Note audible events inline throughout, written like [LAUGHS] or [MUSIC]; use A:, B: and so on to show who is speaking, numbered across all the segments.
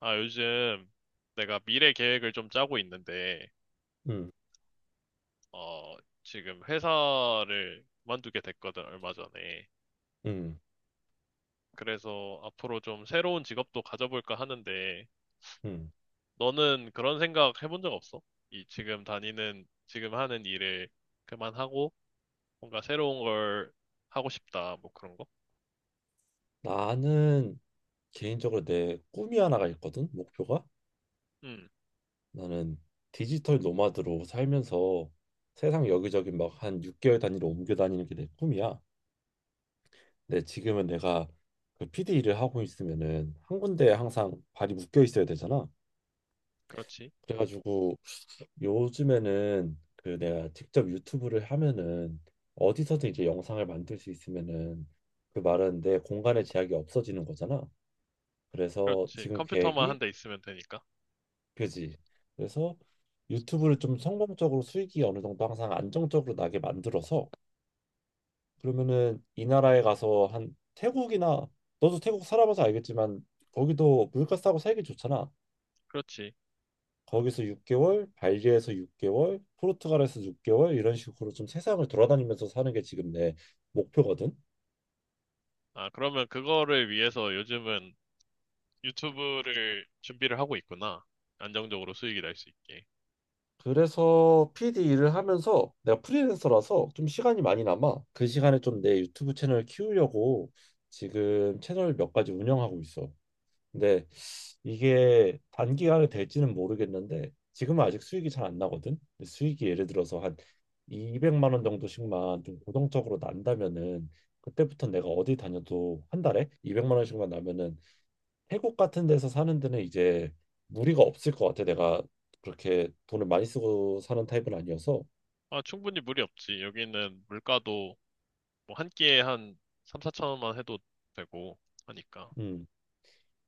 A: 아, 요즘 내가 미래 계획을 좀 짜고 있는데,
B: 음,
A: 어, 지금 회사를 그만두게 됐거든, 얼마 전에.
B: 음,
A: 그래서 앞으로 좀 새로운 직업도 가져볼까 하는데,
B: 음.
A: 너는 그런 생각 해본 적 없어? 이 지금 하는 일을 그만하고, 뭔가 새로운 걸 하고 싶다, 뭐 그런 거?
B: 나는 개인적으로 내 꿈이 하나가 있거든. 목표가
A: 음,
B: 나는 디지털 노마드로 살면서 세상 여기저기 막 한 6개월 단위로 옮겨 다니는 게 내 꿈이야. 근데 지금은 내가 그 PD 일을 하고 있으면은 한 군데에 항상 발이 묶여 있어야 되잖아.
A: 그렇지.
B: 그래가지고 요즘에는 그 내가 직접 유튜브를 하면은 어디서든 이제 영상을 만들 수 있으면은 그 말은 내 공간의 제약이 없어지는 거잖아. 그래서
A: 그렇지.
B: 지금
A: 컴퓨터만
B: 계획이
A: 한 대 있으면 되니까.
B: 그지. 그래서 유튜브를 좀 성공적으로 수익이 어느 정도 항상 안정적으로 나게 만들어서 그러면은 이 나라에 가서 한 태국이나 너도 태국 살아봐서 알겠지만 거기도 물가 싸고 살기 좋잖아.
A: 그렇지.
B: 거기서 6개월, 발리에서 6개월, 포르투갈에서 6개월 이런 식으로 좀 세상을 돌아다니면서 사는 게 지금 내 목표거든.
A: 아, 그러면 그거를 위해서 요즘은 유튜브를 준비를 하고 있구나. 안정적으로 수익이 날 수 있게.
B: 그래서 PD 일을 하면서 내가 프리랜서라서 좀 시간이 많이 남아. 그 시간에 좀 내 유튜브 채널 키우려고 지금 채널 몇 가지 운영하고 있어. 근데 이게 단기간에 될지는 모르겠는데 지금은 아직 수익이 잘 안 나거든. 근데 수익이 예를 들어서 한 200만 원 정도씩만 좀 고정적으로 난다면은 그때부터 내가 어디 다녀도 한 달에 200만 원씩만 나면은 태국 같은 데서 사는 데는 이제 무리가 없을 것 같아. 내가 그렇게 돈을 많이 쓰고 사는 타입은 아니어서.
A: 아, 충분히 무리 없지. 여기는 물가도 뭐 한 끼에 한 3, 4천 원만 해도 되고 하니까.
B: 음.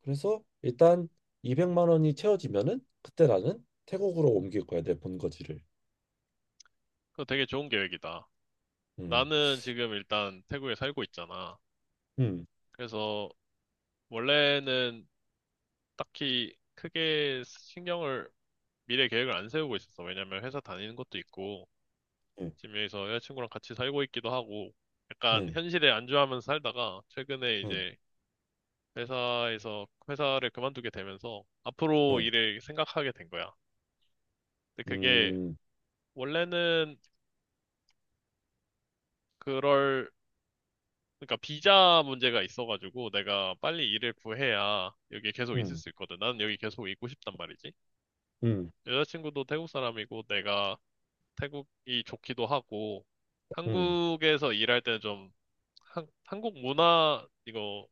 B: 그래서 일단 200만 원이 채워지면은 그때 나는 태국으로 옮길 거야. 내 본거지를.
A: 그거 되게 좋은 계획이다.
B: 음.
A: 나는 지금 일단 태국에 살고 있잖아.
B: 음.
A: 그래서 원래는 딱히 크게 신경을 미래 계획을 안 세우고 있었어. 왜냐면 회사 다니는 것도 있고
B: 음.
A: 지금 여기서 여자친구랑 같이 살고 있기도 하고 약간
B: 음.
A: 현실에 안주하면서 살다가 최근에
B: 음.
A: 이제 회사에서 회사를 그만두게 되면서 앞으로 일을 생각하게 된 거야. 근데
B: 음.
A: 그게
B: 음.
A: 원래는 그럴 그러니까 비자 문제가 있어가지고 내가 빨리 일을 구해야 여기 계속 있을 수 있거든. 나는 여기 계속 있고 싶단 말이지.
B: 음.
A: 여자친구도 태국 사람이고 내가 태국이 좋기도 하고
B: 음.
A: 한국에서 일할 때는 좀 한국 문화 이거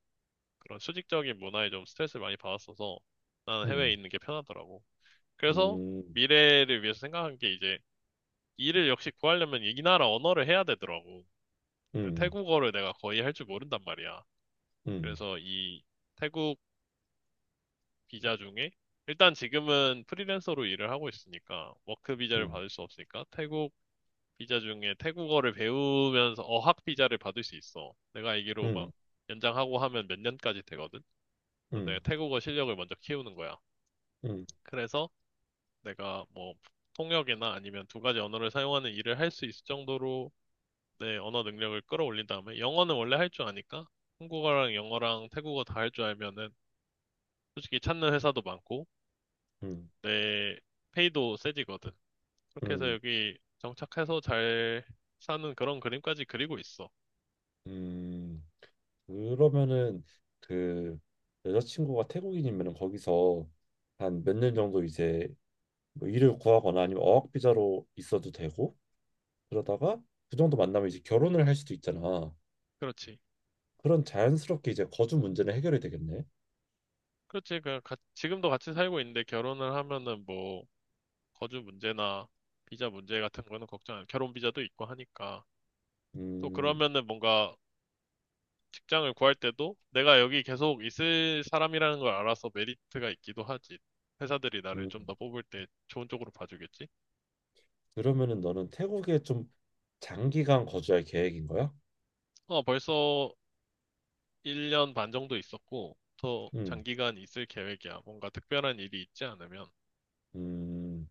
A: 그런 수직적인 문화에 좀 스트레스를 많이 받았어서
B: 음.
A: 나는 해외에
B: 음.
A: 있는 게 편하더라고. 그래서
B: 음.
A: 미래를 위해서 생각한 게 이제 일을 역시 구하려면 이 나라 언어를 해야 되더라고. 근데
B: 음.
A: 태국어를 내가 거의 할 줄 모른단 말이야.
B: 음. 음.
A: 그래서 이 태국 비자 중에 일단 지금은 프리랜서로 일을 하고 있으니까 워크 비자를 받을 수 없으니까 태국 비자 중에 태국어를 배우면서 어학 비자를 받을 수 있어. 내가 알기로 막
B: 음.
A: 연장하고 하면 몇 년까지 되거든. 그래서 내가 태국어 실력을 먼저 키우는 거야.
B: 음.
A: 그래서 내가 뭐 통역이나 아니면 두 가지 언어를 사용하는 일을 할 수 있을 정도로 내 언어 능력을 끌어올린 다음에 영어는 원래 할 줄 아니까 한국어랑 영어랑 태국어 다 할 줄 알면은 솔직히 찾는 회사도 많고
B: 음. 음.
A: 내 페이도 세지거든. 그렇게 해서
B: 음.
A: 여기 정착해서 잘 사는 그런 그림까지 그리고 있어.
B: 음. 그러면은 그 여자친구가 태국인이면 거기서 한 몇 년 정도 이제 뭐 일을 구하거나 아니면 어학 비자로 있어도 되고 그러다가 그 정도 만나면 이제 결혼을 할 수도 있잖아.
A: 그렇지.
B: 그런 자연스럽게 이제 거주 문제는 해결이 되겠네.
A: 그렇지. 그 가- 지금도 같이 살고 있는데 결혼을 하면은 뭐 거주 문제나 비자 문제 같은 거는 걱정 안. 결혼 비자도 있고 하니까. 또
B: 음,
A: 그러면은 뭔가 직장을 구할 때도 내가 여기 계속 있을 사람이라는 걸 알아서 메리트가 있기도 하지. 회사들이 나를 좀
B: 음.
A: 더 뽑을 때 좋은 쪽으로 봐주겠지?
B: 그러면은 너는 태국에 좀 장기간 거주할 계획인 거야?
A: 어, 벌써 1년 반 정도 있었고, 더
B: 음,
A: 장기간 있을 계획이야. 뭔가 특별한 일이 있지 않으면.
B: 음.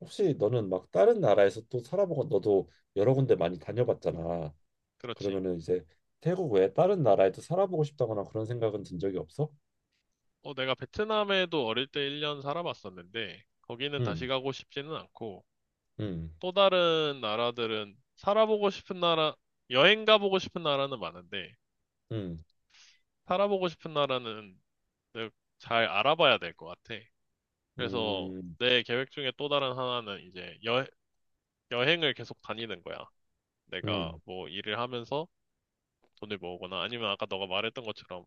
B: 혹시 너는 막 다른 나라에서 또 살아보고 너도 여러 군데 많이 다녀봤잖아.
A: 그렇지.
B: 그러면은 이제 태국 외에 다른 나라에도 살아보고 싶다거나 그런 생각은 든 적이 없어?
A: 어, 내가 베트남에도 어릴 때 1년 살아봤었는데, 거기는 다시
B: 음,
A: 가고 싶지는 않고,
B: 음,
A: 또 다른 나라들은 살아보고 싶은 나라, 여행 가보고 싶은 나라는 많은데,
B: 음,
A: 살아보고 싶은 나라는 근데 잘 알아봐야 될 것 같아. 그래서
B: 음,
A: 내 계획 중에 또 다른 하나는 이제 여행을 계속 다니는 거야. 내가
B: 음,
A: 뭐 일을 하면서 돈을 모으거나 아니면 아까 너가 말했던 것처럼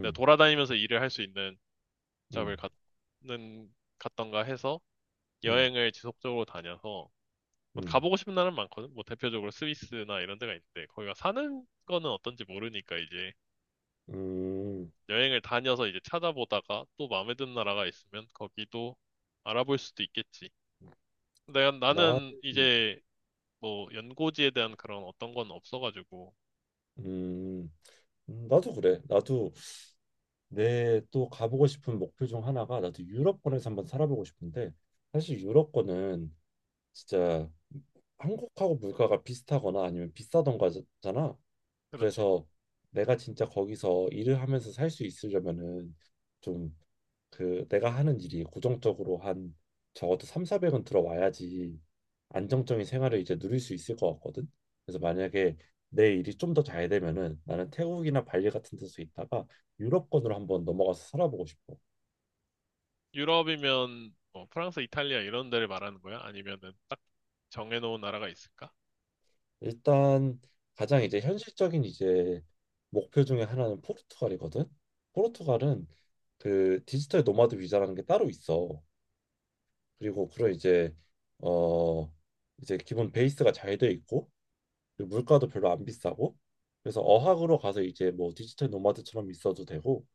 A: 내가 돌아다니면서 일을 할 수 있는
B: 음,
A: 잡을 갖는, 갖던가 해서
B: 음,
A: 여행을 지속적으로 다녀서 뭐
B: 음,
A: 가보고 싶은 나라는 많거든. 뭐 대표적으로 스위스나 이런 데가 있는데 거기가 사는 거는 어떤지 모르니까 이제
B: 음,
A: 여행을 다녀서 이제 찾아보다가 또 마음에 드는 나라가 있으면 거기도 알아볼 수도 있겠지. 내가
B: 나,
A: 나는
B: 음,
A: 이제 뭐 연고지에 대한 그런 어떤 건 없어가지고
B: 음, 나도 그래. 나도 내 또 가보고 싶은 목표 중 하나가 나도 유럽권에서 한번 살아보고 싶은데 사실 유럽권은 진짜 한국하고 물가가 비슷하거나 아니면 비싸던가잖아.
A: 그렇지.
B: 그래서 내가 진짜 거기서 일을 하면서 살 수 있으려면은 좀 그 내가 하는 일이 고정적으로 한 적어도 3, 400은 들어와야지 안정적인 생활을 이제 누릴 수 있을 것 같거든. 그래서 만약에 내 일이 좀 더 잘 되면은 나는 태국이나 발리 같은 데서 있다가 유럽권으로 한번 넘어가서 살아보고 싶어.
A: 유럽이면 뭐 프랑스, 이탈리아 이런 데를 말하는 거야? 아니면은 딱 정해놓은 나라가 있을까?
B: 일단 가장 이제 현실적인 이제 목표 중에 하나는 포르투갈이거든. 포르투갈은 그 디지털 노마드 비자라는 게 따로 있어. 그리고 그런 이제 어 이제 기본 베이스가 잘 돼 있고 그리고 물가도 별로 안 비싸고 그래서 어학으로 가서 이제 뭐 디지털 노마드처럼 있어도 되고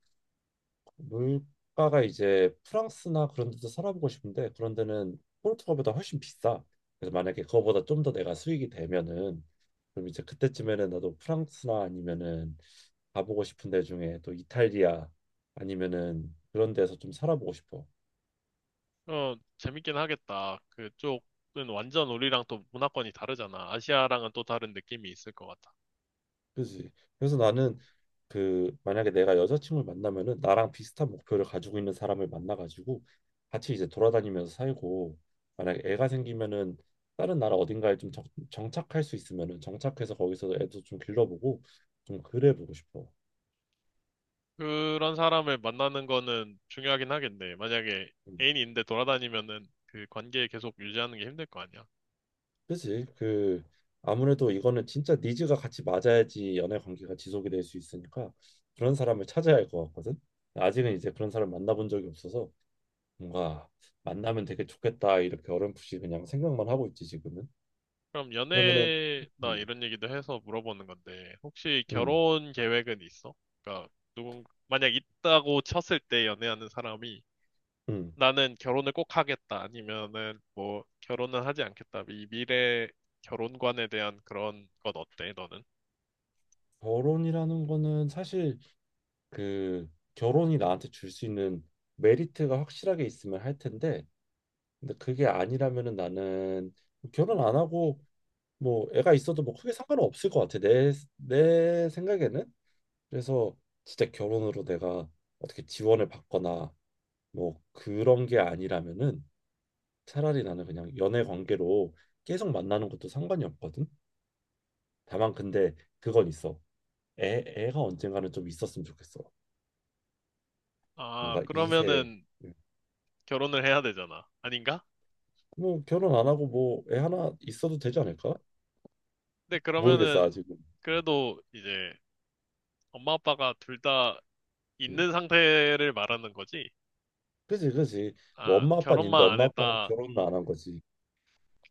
B: 물가가 이제 프랑스나 그런 데도 살아보고 싶은데 그런 데는 포르투갈보다 훨씬 비싸. 그래서 만약에 그거보다 좀 더 내가 수익이 되면은 그럼 이제 그때쯤에는 나도 프랑스나 아니면은 가보고 싶은 데 중에 또 이탈리아 아니면은 그런 데서 좀 살아보고 싶어.
A: 어, 재밌긴 하겠다. 그쪽은 완전 우리랑 또 문화권이 다르잖아. 아시아랑은 또 다른 느낌이 있을 것 같아.
B: 그지. 그래서 나는 그 만약에 내가 여자친구를 만나면은 나랑 비슷한 목표를 가지고 있는 사람을 만나가지고 같이 이제 돌아다니면서 살고 만약에 애가 생기면은 다른 나라 어딘가에 좀 정착할 수 있으면은 정착해서 거기서 애도 좀 길러보고 좀 그래 보고 싶어.
A: 그런 사람을 만나는 거는 중요하긴 하겠네. 만약에
B: 음,
A: 애인이 있는데 돌아다니면은 그 관계 계속 유지하는 게 힘들 거 아니야.
B: 그지. 그 아무래도 이거는 진짜 니즈가 같이 맞아야지 연애 관계가 지속이 될 수 있으니까 그런 사람을 찾아야 할 것 같거든. 아직은 이제 그런 사람 만나본 적이 없어서 뭔가 만나면 되게 좋겠다 이렇게 어렴풋이 그냥 생각만 하고 있지 지금은.
A: 그럼
B: 그러면은
A: 연애나
B: 음,
A: 이런 얘기도 해서 물어보는 건데, 혹시
B: 음,
A: 결혼 계획은 있어? 그러니까 누군 만약 있다고 쳤을 때 연애하는 사람이
B: 음.
A: 나는 결혼을 꼭 하겠다 아니면은 뭐 결혼은 하지 않겠다. 이 미래 결혼관에 대한 그런 건 어때, 너는?
B: 결혼이라는 거는 사실 그 결혼이 나한테 줄 수 있는 메리트가 확실하게 있으면 할 텐데 근데 그게 아니라면은 나는 결혼 안 하고 뭐 애가 있어도 뭐 크게 상관은 없을 것 같아 내 생각에는. 그래서 진짜 결혼으로 내가 어떻게 지원을 받거나 뭐 그런 게 아니라면은 차라리 나는 그냥 연애 관계로 계속 만나는 것도 상관이 없거든. 다만 근데 그건 있어. 애가 언젠가는 좀 있었으면 좋겠어.
A: 아,
B: 뭔가 2세
A: 그러면은 결혼을 해야 되잖아. 아닌가?
B: 뭐 결혼 안 하고 뭐 애 하나 있어도 되지 않을까?
A: 근데
B: 모르겠어
A: 그러면은
B: 아직은.
A: 그래도 이제 엄마 아빠가 둘 다
B: 음.
A: 있는 상태를 말하는 거지?
B: 그지, 그지. 뭐
A: 아,
B: 엄마 아빠는 있는데
A: 결혼만 안
B: 엄마 아빠가
A: 했다.
B: 결혼을 안 한 거지.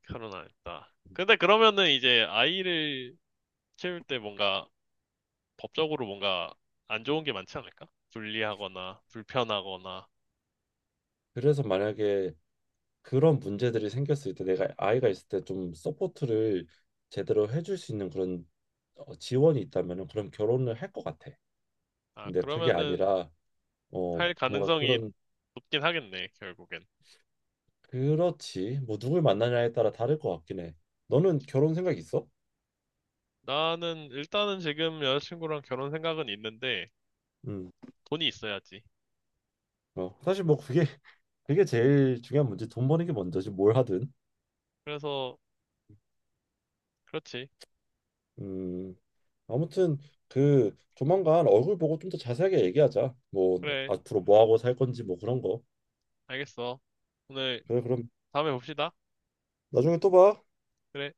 A: 결혼 안 했다. 근데 그러면은 이제 아이를 키울 때 뭔가 법적으로 뭔가 안 좋은 게 많지 않을까? 불리하거나 불편하거나.
B: 그래서 만약에 그런 문제들이 생겼을 때 내가 아이가 있을 때 좀 서포트를 제대로 해줄 수 있는 그런 어, 지원이 있다면은 그럼 결혼을 할 것 같아.
A: 아,
B: 근데 그게
A: 그러면은
B: 아니라 어,
A: 할
B: 뭔가
A: 가능성이
B: 그런
A: 높긴 하겠네, 결국엔.
B: 그렇지. 뭐 누굴 만나냐에 따라 다를 것 같긴 해. 너는 결혼 생각 있어?
A: 나는 일단은 지금 여자친구랑 결혼 생각은 있는데
B: 음.
A: 돈이 있어야지.
B: 어, 사실 뭐 그게 [LAUGHS] 그게 제일 중요한 문제. 돈 버는 게 먼저지 뭘 하든.
A: 그래서 그렇지.
B: 음. 아무튼 그 조만간 얼굴 보고 좀 더 자세하게 얘기하자. 뭐
A: 그래,
B: 앞으로 뭐 하고 살 건지 뭐 그런 거.
A: 알겠어. 오늘
B: 그래 그럼
A: 다음에 봅시다.
B: 나중에 또 봐.
A: 그래.